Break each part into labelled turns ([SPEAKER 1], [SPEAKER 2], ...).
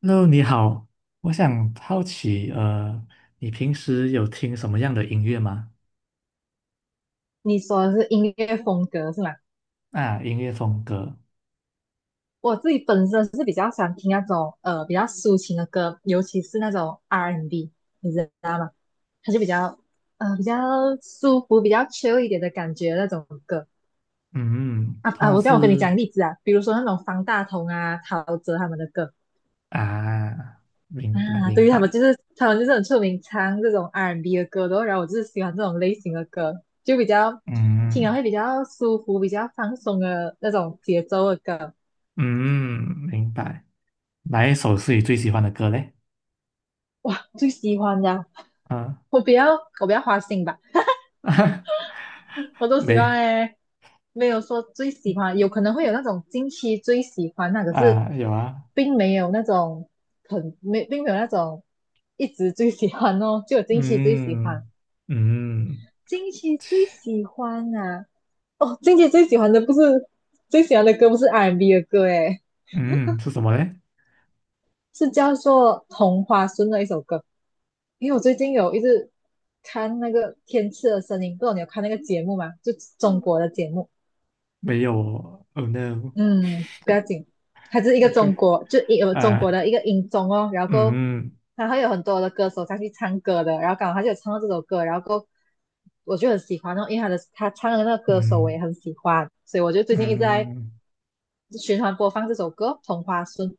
[SPEAKER 1] Hello，你好，我想好奇，你平时有听什么样的音乐吗？
[SPEAKER 2] 你说的是音乐风格是吗？
[SPEAKER 1] 啊，音乐风格，
[SPEAKER 2] 我自己本身是比较喜欢听那种比较抒情的歌，尤其是那种 R&B，and B，你知道吗？它就比较舒服、比较 chill 一点的感觉那种歌
[SPEAKER 1] 嗯，
[SPEAKER 2] 啊
[SPEAKER 1] 通
[SPEAKER 2] 啊！
[SPEAKER 1] 常
[SPEAKER 2] 我这样我跟你讲
[SPEAKER 1] 是
[SPEAKER 2] 例子啊，比如说那种方大同啊、陶喆他们的歌
[SPEAKER 1] 啊，明白
[SPEAKER 2] 啊，
[SPEAKER 1] 明
[SPEAKER 2] 对于他们
[SPEAKER 1] 白，
[SPEAKER 2] 就是他们就是很出名唱这种 R&B and B 的歌的哦，然后我就是喜欢这种类型的歌，就比较听了
[SPEAKER 1] 嗯
[SPEAKER 2] 会比较舒服、比较放松的那种节奏的歌。
[SPEAKER 1] 嗯，明白。哪一首是你最喜欢的歌嘞？
[SPEAKER 2] 哇，最喜欢的
[SPEAKER 1] 啊，
[SPEAKER 2] 我比较我比较花心吧，我都喜
[SPEAKER 1] 没
[SPEAKER 2] 欢诶，没有说最喜欢，有可能会有那种近期最喜欢那，可是
[SPEAKER 1] 啊，有啊，
[SPEAKER 2] 并没有那种并没有那种一直最喜欢哦，就有近期最喜欢，
[SPEAKER 1] 嗯嗯
[SPEAKER 2] 近期最喜欢啊！哦，近期最喜欢的不是 R&B 的歌诶，
[SPEAKER 1] 嗯，是什么嘞？
[SPEAKER 2] 是叫做《同花顺》的一首歌。因为我最近有一直看那个《天赐的声音》，不知道你有看那个节目吗？就中
[SPEAKER 1] 嗯
[SPEAKER 2] 国的节目，
[SPEAKER 1] 没有哦，Oh no，OK，
[SPEAKER 2] 嗯，不要紧，它是一个中国，有中国
[SPEAKER 1] 啊，
[SPEAKER 2] 的一个音综哦，然后过后
[SPEAKER 1] 嗯
[SPEAKER 2] 它会有很多的歌手上去唱歌的，然后刚好他就有唱到这首歌，然后过后我就很喜欢哦，因为他唱的那个歌手我
[SPEAKER 1] 嗯
[SPEAKER 2] 也很喜欢，所以我就最
[SPEAKER 1] 嗯。
[SPEAKER 2] 近一直在
[SPEAKER 1] 嗯
[SPEAKER 2] 循环播放这首歌《同花顺》，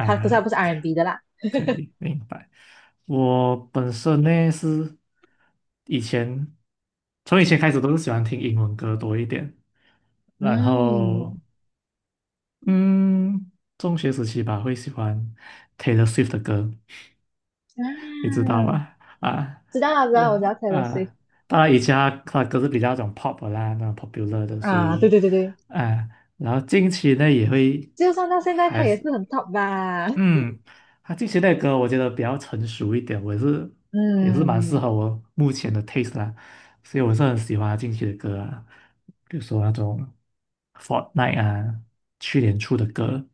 [SPEAKER 2] 它可是它不是
[SPEAKER 1] ，OK，
[SPEAKER 2] R&B 的啦，
[SPEAKER 1] 可以明白。我本身呢是以前从以前开始都是喜欢听英文歌多一点，然
[SPEAKER 2] 嗯，
[SPEAKER 1] 后嗯，中学时期吧会喜欢 Taylor Swift 的歌，
[SPEAKER 2] 啊，
[SPEAKER 1] 你知道吧？啊，
[SPEAKER 2] 知道了，知道，我知
[SPEAKER 1] 呃
[SPEAKER 2] 道 Taylor Swift
[SPEAKER 1] 啊，当然以前他的歌是比较那种 pop 的啦，那种 popular 的，所
[SPEAKER 2] 啊，对
[SPEAKER 1] 以
[SPEAKER 2] 对对对，
[SPEAKER 1] 啊，然后近期呢也会
[SPEAKER 2] 就算到现在
[SPEAKER 1] 还
[SPEAKER 2] 他也
[SPEAKER 1] 是。
[SPEAKER 2] 是很 top 吧，
[SPEAKER 1] 嗯，他近期的歌我觉得比较成熟一点，我也是蛮适
[SPEAKER 2] 嗯，
[SPEAKER 1] 合我目前的 taste 啦，所以我是很喜欢他近期的歌啊，比如说那种 Fortnite 啊，去年出的歌，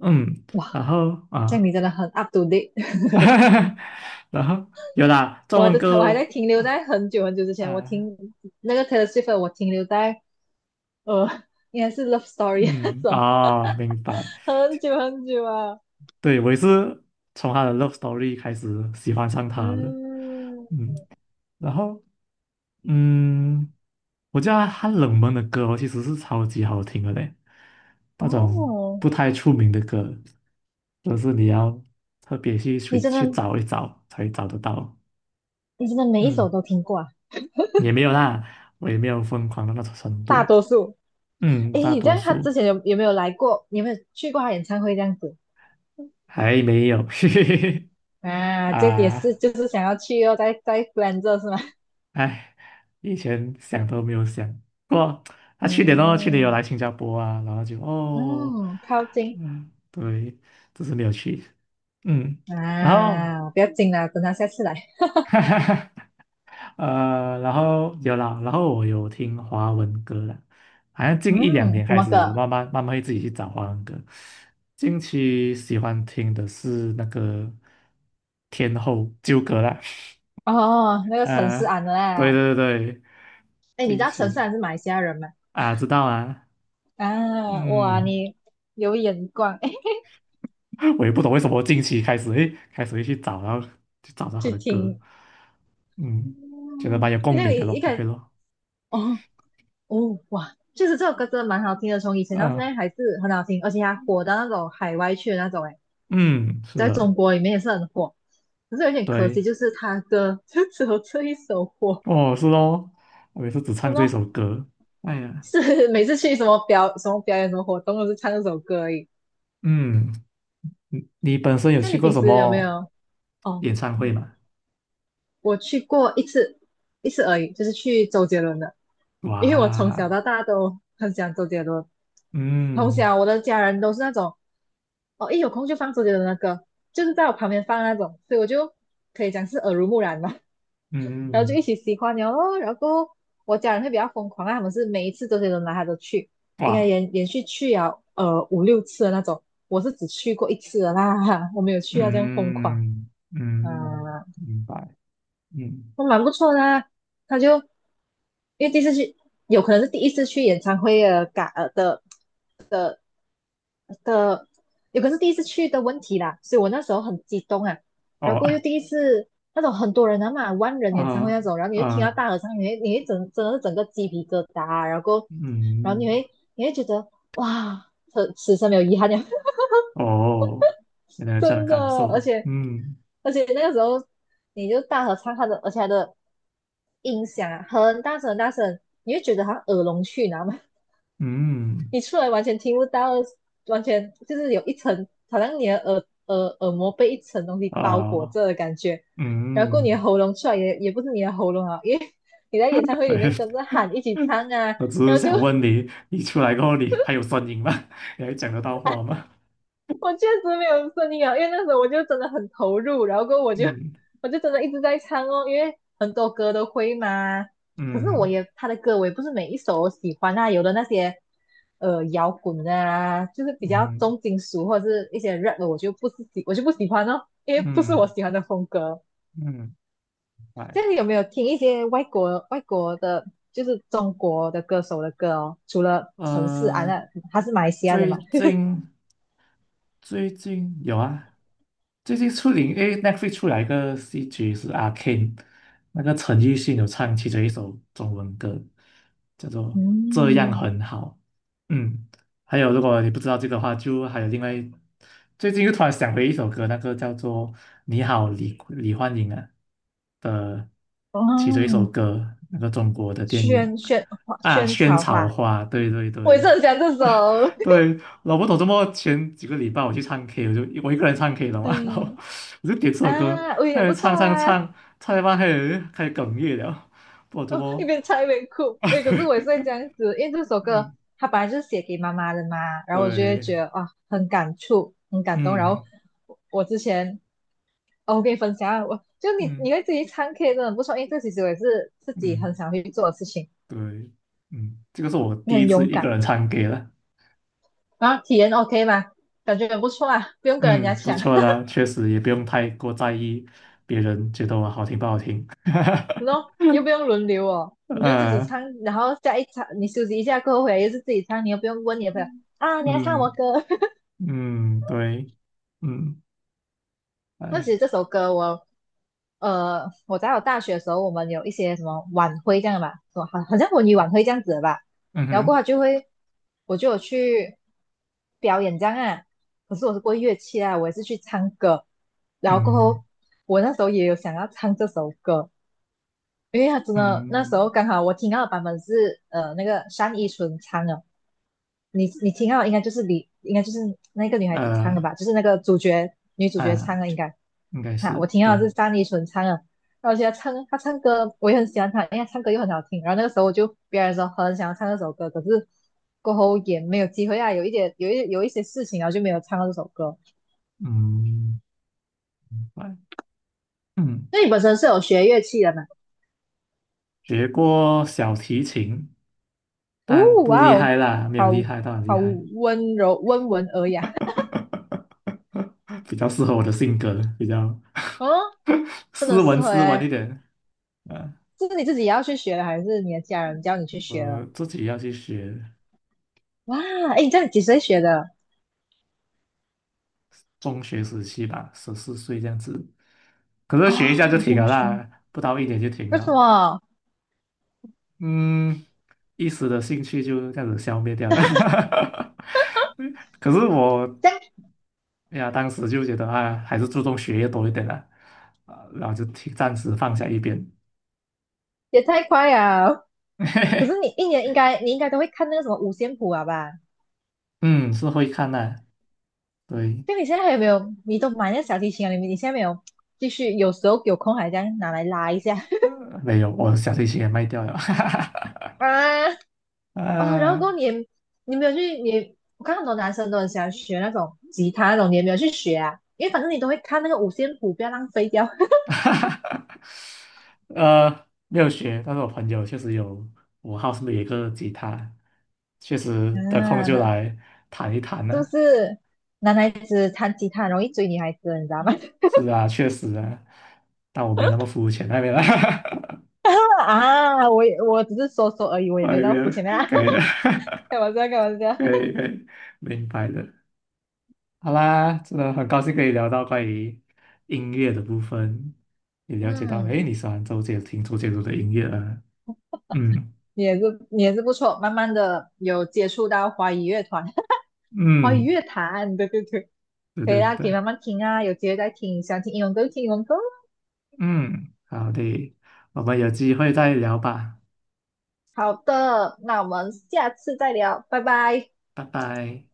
[SPEAKER 1] 嗯，
[SPEAKER 2] 哇，
[SPEAKER 1] 然后
[SPEAKER 2] 这样
[SPEAKER 1] 啊，
[SPEAKER 2] 你真的很 up to date，
[SPEAKER 1] 然后有啦，中文
[SPEAKER 2] 我还
[SPEAKER 1] 歌
[SPEAKER 2] 在停留
[SPEAKER 1] 啊
[SPEAKER 2] 在很久很久之前，我
[SPEAKER 1] 啊，
[SPEAKER 2] 听那个 Taylor Swift，的我停留在呃，应该是 Love Story 那
[SPEAKER 1] 嗯
[SPEAKER 2] 种，
[SPEAKER 1] 哦，明白，
[SPEAKER 2] 很久很久啊，
[SPEAKER 1] 对我也是从他的 Love Story 开始喜欢上他的，
[SPEAKER 2] 嗯，
[SPEAKER 1] 嗯，然后。嗯，我觉得他冷门的歌哦其实是超级好听的嘞，那种
[SPEAKER 2] 哦，
[SPEAKER 1] 不太出名的歌，都是你要特别去
[SPEAKER 2] 你
[SPEAKER 1] 去
[SPEAKER 2] 真
[SPEAKER 1] 去
[SPEAKER 2] 的
[SPEAKER 1] 找一找才找得到。
[SPEAKER 2] 你真的每一首
[SPEAKER 1] 嗯，
[SPEAKER 2] 都听过啊，
[SPEAKER 1] 也没有啦，我也没有疯狂到那种程
[SPEAKER 2] 大
[SPEAKER 1] 度。
[SPEAKER 2] 多数，
[SPEAKER 1] 嗯，
[SPEAKER 2] 诶，
[SPEAKER 1] 大
[SPEAKER 2] 你这
[SPEAKER 1] 多
[SPEAKER 2] 样他之
[SPEAKER 1] 数
[SPEAKER 2] 前有没有来过，有没有去过他演唱会这样子？
[SPEAKER 1] 还没有，嘿嘿嘿。
[SPEAKER 2] 啊，这也是
[SPEAKER 1] 啊，
[SPEAKER 2] 就是想要去哦，在 f l a 是吗？
[SPEAKER 1] 哎，以前想都没有想过。他、啊去年哦，去年有
[SPEAKER 2] 嗯
[SPEAKER 1] 来新加坡啊，然后就哦，
[SPEAKER 2] 嗯，靠近
[SPEAKER 1] 嗯，对，只是没有去。嗯，然后
[SPEAKER 2] 啊，不要紧啦，等他下次来。
[SPEAKER 1] 哈哈哈，然后有啦，然后我有听华文歌啦，好像近一两
[SPEAKER 2] 嗯，
[SPEAKER 1] 年
[SPEAKER 2] 怎
[SPEAKER 1] 开
[SPEAKER 2] 么
[SPEAKER 1] 始，我
[SPEAKER 2] 个？
[SPEAKER 1] 慢慢慢慢会自己去找华文歌。近期喜欢听的是那个天后纠葛啦，
[SPEAKER 2] 哦，那 个陈思
[SPEAKER 1] 啊、
[SPEAKER 2] 安的
[SPEAKER 1] 对
[SPEAKER 2] 啦。
[SPEAKER 1] 对对，
[SPEAKER 2] 哎，你知
[SPEAKER 1] 近
[SPEAKER 2] 道陈思
[SPEAKER 1] 期
[SPEAKER 2] 安是马来西亚人吗？
[SPEAKER 1] 啊，知道啊，
[SPEAKER 2] 啊，哇，
[SPEAKER 1] 嗯，
[SPEAKER 2] 你有眼光，哎，
[SPEAKER 1] 我也不懂为什么近期开始诶，开始会去找，然后就找到他
[SPEAKER 2] 去
[SPEAKER 1] 的歌，
[SPEAKER 2] 听。嗯，
[SPEAKER 1] 嗯，觉得蛮有
[SPEAKER 2] 那
[SPEAKER 1] 共
[SPEAKER 2] 这个
[SPEAKER 1] 鸣的
[SPEAKER 2] 一
[SPEAKER 1] 咯
[SPEAKER 2] 一开
[SPEAKER 1] ，OK
[SPEAKER 2] 始
[SPEAKER 1] 咯，
[SPEAKER 2] 哦哦哇，就是这首歌真的蛮好听的，从以前到现
[SPEAKER 1] 嗯、
[SPEAKER 2] 在还是很好听，而且它火到那种海外去的那种，哎。
[SPEAKER 1] 嗯，是
[SPEAKER 2] 在中
[SPEAKER 1] 的。
[SPEAKER 2] 国里面也是很火，可是有点可惜，
[SPEAKER 1] 对，
[SPEAKER 2] 就是他歌就只有 这一首火，
[SPEAKER 1] 哦，是哦，我也是只
[SPEAKER 2] 然
[SPEAKER 1] 唱这
[SPEAKER 2] 后
[SPEAKER 1] 首歌。哎呀，
[SPEAKER 2] 是每次去什么表演什么活动都是唱这首歌而已。
[SPEAKER 1] 嗯，你本身有
[SPEAKER 2] 像
[SPEAKER 1] 去
[SPEAKER 2] 你
[SPEAKER 1] 过
[SPEAKER 2] 平
[SPEAKER 1] 什
[SPEAKER 2] 时有没
[SPEAKER 1] 么
[SPEAKER 2] 有？哦，
[SPEAKER 1] 演唱会吗？
[SPEAKER 2] 我去过一次，一次而已，就是去周杰伦的，因为我从小
[SPEAKER 1] 哇，
[SPEAKER 2] 到大都很喜欢周杰伦，从
[SPEAKER 1] 嗯
[SPEAKER 2] 小我的家人都是那种，哦，一有空就放周杰伦的歌，就是在我旁边放那种，所以我就可以讲是耳濡目染吧。然后就
[SPEAKER 1] 嗯，
[SPEAKER 2] 一起喜欢了咯。然后我家人会比较疯狂啊，他们是每一次周杰伦来他都去，应该
[SPEAKER 1] 哇，
[SPEAKER 2] 连续去了五六次的那种。我是只去过一次的啦，我没有去啊，这样疯狂
[SPEAKER 1] 嗯嗯，
[SPEAKER 2] 啊，
[SPEAKER 1] 明白，嗯，
[SPEAKER 2] 都蛮不错的啊他就因为第一次去，有可能是第一次去演唱会的的是第一次去的问题啦，所以我那时候很激动啊，然后
[SPEAKER 1] 哦
[SPEAKER 2] 过后又第一次那种很多人啊嘛，万人 演唱会
[SPEAKER 1] 啊
[SPEAKER 2] 那种，然后你就听到
[SPEAKER 1] 啊，
[SPEAKER 2] 大合唱，你会真的是整个鸡皮疙瘩啊，然后然后你
[SPEAKER 1] 嗯，
[SPEAKER 2] 会你会觉得哇，此生没有遗憾了，
[SPEAKER 1] 哦，原来 有这样的
[SPEAKER 2] 真的，
[SPEAKER 1] 感
[SPEAKER 2] 而
[SPEAKER 1] 受，
[SPEAKER 2] 且
[SPEAKER 1] 嗯
[SPEAKER 2] 而且那个时候你就大合唱，他的音响啊很大声很大声，你会觉得他耳聋去，你知道吗？
[SPEAKER 1] 嗯，
[SPEAKER 2] 你出来完全听不到，完全就是有一层，好像你的耳膜被一层东西包裹
[SPEAKER 1] 啊
[SPEAKER 2] 着的感觉，然后
[SPEAKER 1] 嗯。
[SPEAKER 2] 你的喉咙出来也不是你的喉咙啊，因为你在演唱会
[SPEAKER 1] 我
[SPEAKER 2] 里
[SPEAKER 1] 也
[SPEAKER 2] 面跟着喊一起 唱啊，
[SPEAKER 1] 我只是
[SPEAKER 2] 然后就
[SPEAKER 1] 想问你，你出来过后你还有声音吗？你还讲得到话吗？
[SPEAKER 2] 我确实没有声音啊，因为那时候我就真的很投入，然后过后
[SPEAKER 1] 嗯
[SPEAKER 2] 我就真的一直在唱哦，因为很多歌都会嘛。可是
[SPEAKER 1] 嗯
[SPEAKER 2] 他的歌我也不是每一首我喜欢啊，有的那些摇滚啊，就是比较
[SPEAKER 1] 嗯
[SPEAKER 2] 重金属或者是一些 rap 的，我就不喜欢哦，因为不是我
[SPEAKER 1] 嗯
[SPEAKER 2] 喜欢的风格。
[SPEAKER 1] 嗯，嗯明白
[SPEAKER 2] 这样你有没有听一些外国的，就是中国的歌手的歌哦？除了陈势安
[SPEAKER 1] 呃，
[SPEAKER 2] 那他是马来西亚的嘛？
[SPEAKER 1] 最近最近有啊，最近出零，因为 NET 出来一个戏剧是《阿 KCNE 那个陈奕迅有唱其中一首中文歌，叫做《这样
[SPEAKER 2] 嗯，
[SPEAKER 1] 很好》。嗯，还有如果你不知道这个的话，就还有另外一最近又突然想回一首歌，那个叫做《你好，李焕英》啊的其中一首
[SPEAKER 2] 哦，
[SPEAKER 1] 歌，那个中国的电影。啊，
[SPEAKER 2] 萱
[SPEAKER 1] 萱
[SPEAKER 2] 草
[SPEAKER 1] 草
[SPEAKER 2] 花，
[SPEAKER 1] 花，对对
[SPEAKER 2] 我也是
[SPEAKER 1] 对，
[SPEAKER 2] 很喜欢这
[SPEAKER 1] 啊
[SPEAKER 2] 首。
[SPEAKER 1] 对，老不懂怎么前几个礼拜我去唱 K，我一个人唱 K 了嘛，然后
[SPEAKER 2] 嗯
[SPEAKER 1] 我就点这首歌，
[SPEAKER 2] 啊，我也
[SPEAKER 1] 开
[SPEAKER 2] 不
[SPEAKER 1] 始
[SPEAKER 2] 错
[SPEAKER 1] 唱唱
[SPEAKER 2] 啊。
[SPEAKER 1] 唱，唱一半开始哽咽了，不懂怎
[SPEAKER 2] 哦，一
[SPEAKER 1] 么
[SPEAKER 2] 边唱一边哭。
[SPEAKER 1] 啊，
[SPEAKER 2] 哎，可是我也是
[SPEAKER 1] 对，
[SPEAKER 2] 会这样子，因为这首歌
[SPEAKER 1] 嗯，
[SPEAKER 2] 它本来就是写给妈妈的嘛，然后我就会
[SPEAKER 1] 对，
[SPEAKER 2] 觉得哇，很感触，很感动。然
[SPEAKER 1] 嗯
[SPEAKER 2] 后我之前，哦，我跟你分享啊，我就你
[SPEAKER 1] 嗯
[SPEAKER 2] 你会自己唱 K 真的很不错，因为这其实我也是自己很
[SPEAKER 1] 嗯，
[SPEAKER 2] 想去做的事情，
[SPEAKER 1] 对，嗯，这个是我
[SPEAKER 2] 你
[SPEAKER 1] 第一
[SPEAKER 2] 很
[SPEAKER 1] 次
[SPEAKER 2] 勇
[SPEAKER 1] 一
[SPEAKER 2] 敢，
[SPEAKER 1] 个人唱 K 了，
[SPEAKER 2] 然后体验 OK 吗？感觉很不错啊，不用跟人家
[SPEAKER 1] 嗯，不
[SPEAKER 2] 抢。
[SPEAKER 1] 错啦，确实也不用太过在意别人觉得我好听不好听，
[SPEAKER 2] 然后又不用轮流哦，你就自己
[SPEAKER 1] 嗯
[SPEAKER 2] 唱，然后下一场你休息一下过后回来又是自己唱，你又不用问你的朋友啊，你要唱什么
[SPEAKER 1] 嗯。
[SPEAKER 2] 歌。
[SPEAKER 1] 嗯，对，嗯，
[SPEAKER 2] 那其
[SPEAKER 1] 哎，
[SPEAKER 2] 实这首歌我，我在大学的时候，我们有一些什么晚会这样的吧，什么好像文娱晚会这样子的吧，
[SPEAKER 1] 嗯
[SPEAKER 2] 然后过
[SPEAKER 1] 哼，
[SPEAKER 2] 后就会，我就有去表演这样啊，可是我是过乐器啊，我也是去唱歌，然后过
[SPEAKER 1] 嗯
[SPEAKER 2] 后我那时候也有想要唱这首歌，因为他真的那时候
[SPEAKER 1] 嗯，
[SPEAKER 2] 刚好我听到的版本是那个单依纯唱的，你听到应该就是那个女孩子唱的
[SPEAKER 1] 呃
[SPEAKER 2] 吧，就是那个女主角
[SPEAKER 1] 啊，
[SPEAKER 2] 唱的应该。
[SPEAKER 1] 应该
[SPEAKER 2] 哈，
[SPEAKER 1] 是
[SPEAKER 2] 我听到的
[SPEAKER 1] 对，
[SPEAKER 2] 是单依纯唱的，然后我觉得她唱歌我也很喜欢她，因为她唱歌又很好听。然后那个时候别人说很想要唱这首歌，可是过后也没有机会啊，有一点有一有一些事情，然后就没有唱到这首歌。
[SPEAKER 1] 嗯，哎嗯，
[SPEAKER 2] 那你本身是有学乐器的嘛？
[SPEAKER 1] 学过小提琴，
[SPEAKER 2] 哦，
[SPEAKER 1] 但不厉
[SPEAKER 2] 哇哦，
[SPEAKER 1] 害啦，没有
[SPEAKER 2] 好
[SPEAKER 1] 厉害到很厉
[SPEAKER 2] 好
[SPEAKER 1] 害，
[SPEAKER 2] 温柔温文尔雅。
[SPEAKER 1] 比较适合我的性格，比较
[SPEAKER 2] 哦，真的很
[SPEAKER 1] 斯
[SPEAKER 2] 适
[SPEAKER 1] 文
[SPEAKER 2] 合
[SPEAKER 1] 斯文一
[SPEAKER 2] 诶，
[SPEAKER 1] 点。啊，
[SPEAKER 2] 这是你自己也要去学的，还是你的家人教你去学
[SPEAKER 1] 我
[SPEAKER 2] 的？
[SPEAKER 1] 自己要去学，
[SPEAKER 2] 哇，哎，你这样几岁学的？
[SPEAKER 1] 中学时期吧，14岁这样子，可
[SPEAKER 2] 哦，
[SPEAKER 1] 是学一下就停
[SPEAKER 2] 中
[SPEAKER 1] 了
[SPEAKER 2] 学。
[SPEAKER 1] 啦，不到一年就停
[SPEAKER 2] 为什
[SPEAKER 1] 了。
[SPEAKER 2] 么？
[SPEAKER 1] 嗯，一时的兴趣就这样子消灭掉了。可是我
[SPEAKER 2] 这样
[SPEAKER 1] 哎呀，当时就觉得啊，还是注重学业多一点啦，啊，然后就停暂时放下一边。
[SPEAKER 2] 也太快了。可是你应该都会看那个什么五线谱啊吧？
[SPEAKER 1] 嗯，是会看的，对，
[SPEAKER 2] 就你现在还有没有？你都买那个小提琴啊？你现在没有继续？有时候有空还这样拿来拉一下
[SPEAKER 1] 呃没有，我小提琴也卖掉了，
[SPEAKER 2] 啊？哦，然后过
[SPEAKER 1] 啊，
[SPEAKER 2] 后你没有去？我看很多男生都很喜欢学那种吉他那种，你也没有去学啊？因为反正你都会看那个五线谱，不要浪费掉
[SPEAKER 1] 没有学，但是我朋友确实有，我号，是不是有一个吉他，确实得空
[SPEAKER 2] 啊，
[SPEAKER 1] 就
[SPEAKER 2] 那
[SPEAKER 1] 来弹一弹
[SPEAKER 2] 是不
[SPEAKER 1] 呢、
[SPEAKER 2] 是男孩子弹吉他很容易追女孩子，你知道吗？
[SPEAKER 1] 是啊，确实啊，但我没有那么肤浅那边了，
[SPEAKER 2] 啊，我只是说说而已，我也
[SPEAKER 1] 外
[SPEAKER 2] 没到肤
[SPEAKER 1] 面
[SPEAKER 2] 浅啊，
[SPEAKER 1] 可以了，
[SPEAKER 2] 开玩笑，开玩 笑。
[SPEAKER 1] 可以可以，明白的。好啦，真的很高兴可以聊到关于音乐的部分，也了解到，诶，
[SPEAKER 2] 嗯，
[SPEAKER 1] 你喜欢听周杰伦的音乐啊？嗯
[SPEAKER 2] 你也是不错，慢慢的有接触到华语乐团，华语
[SPEAKER 1] 嗯，
[SPEAKER 2] 乐坛，对对对，
[SPEAKER 1] 对
[SPEAKER 2] 可以
[SPEAKER 1] 对
[SPEAKER 2] 啦，可以
[SPEAKER 1] 对，
[SPEAKER 2] 慢慢听啊，有机会再听，想听英文歌就听英文歌。
[SPEAKER 1] 嗯，好的，我们有机会再聊吧，
[SPEAKER 2] 好的，那我们下次再聊，拜拜。
[SPEAKER 1] 拜拜。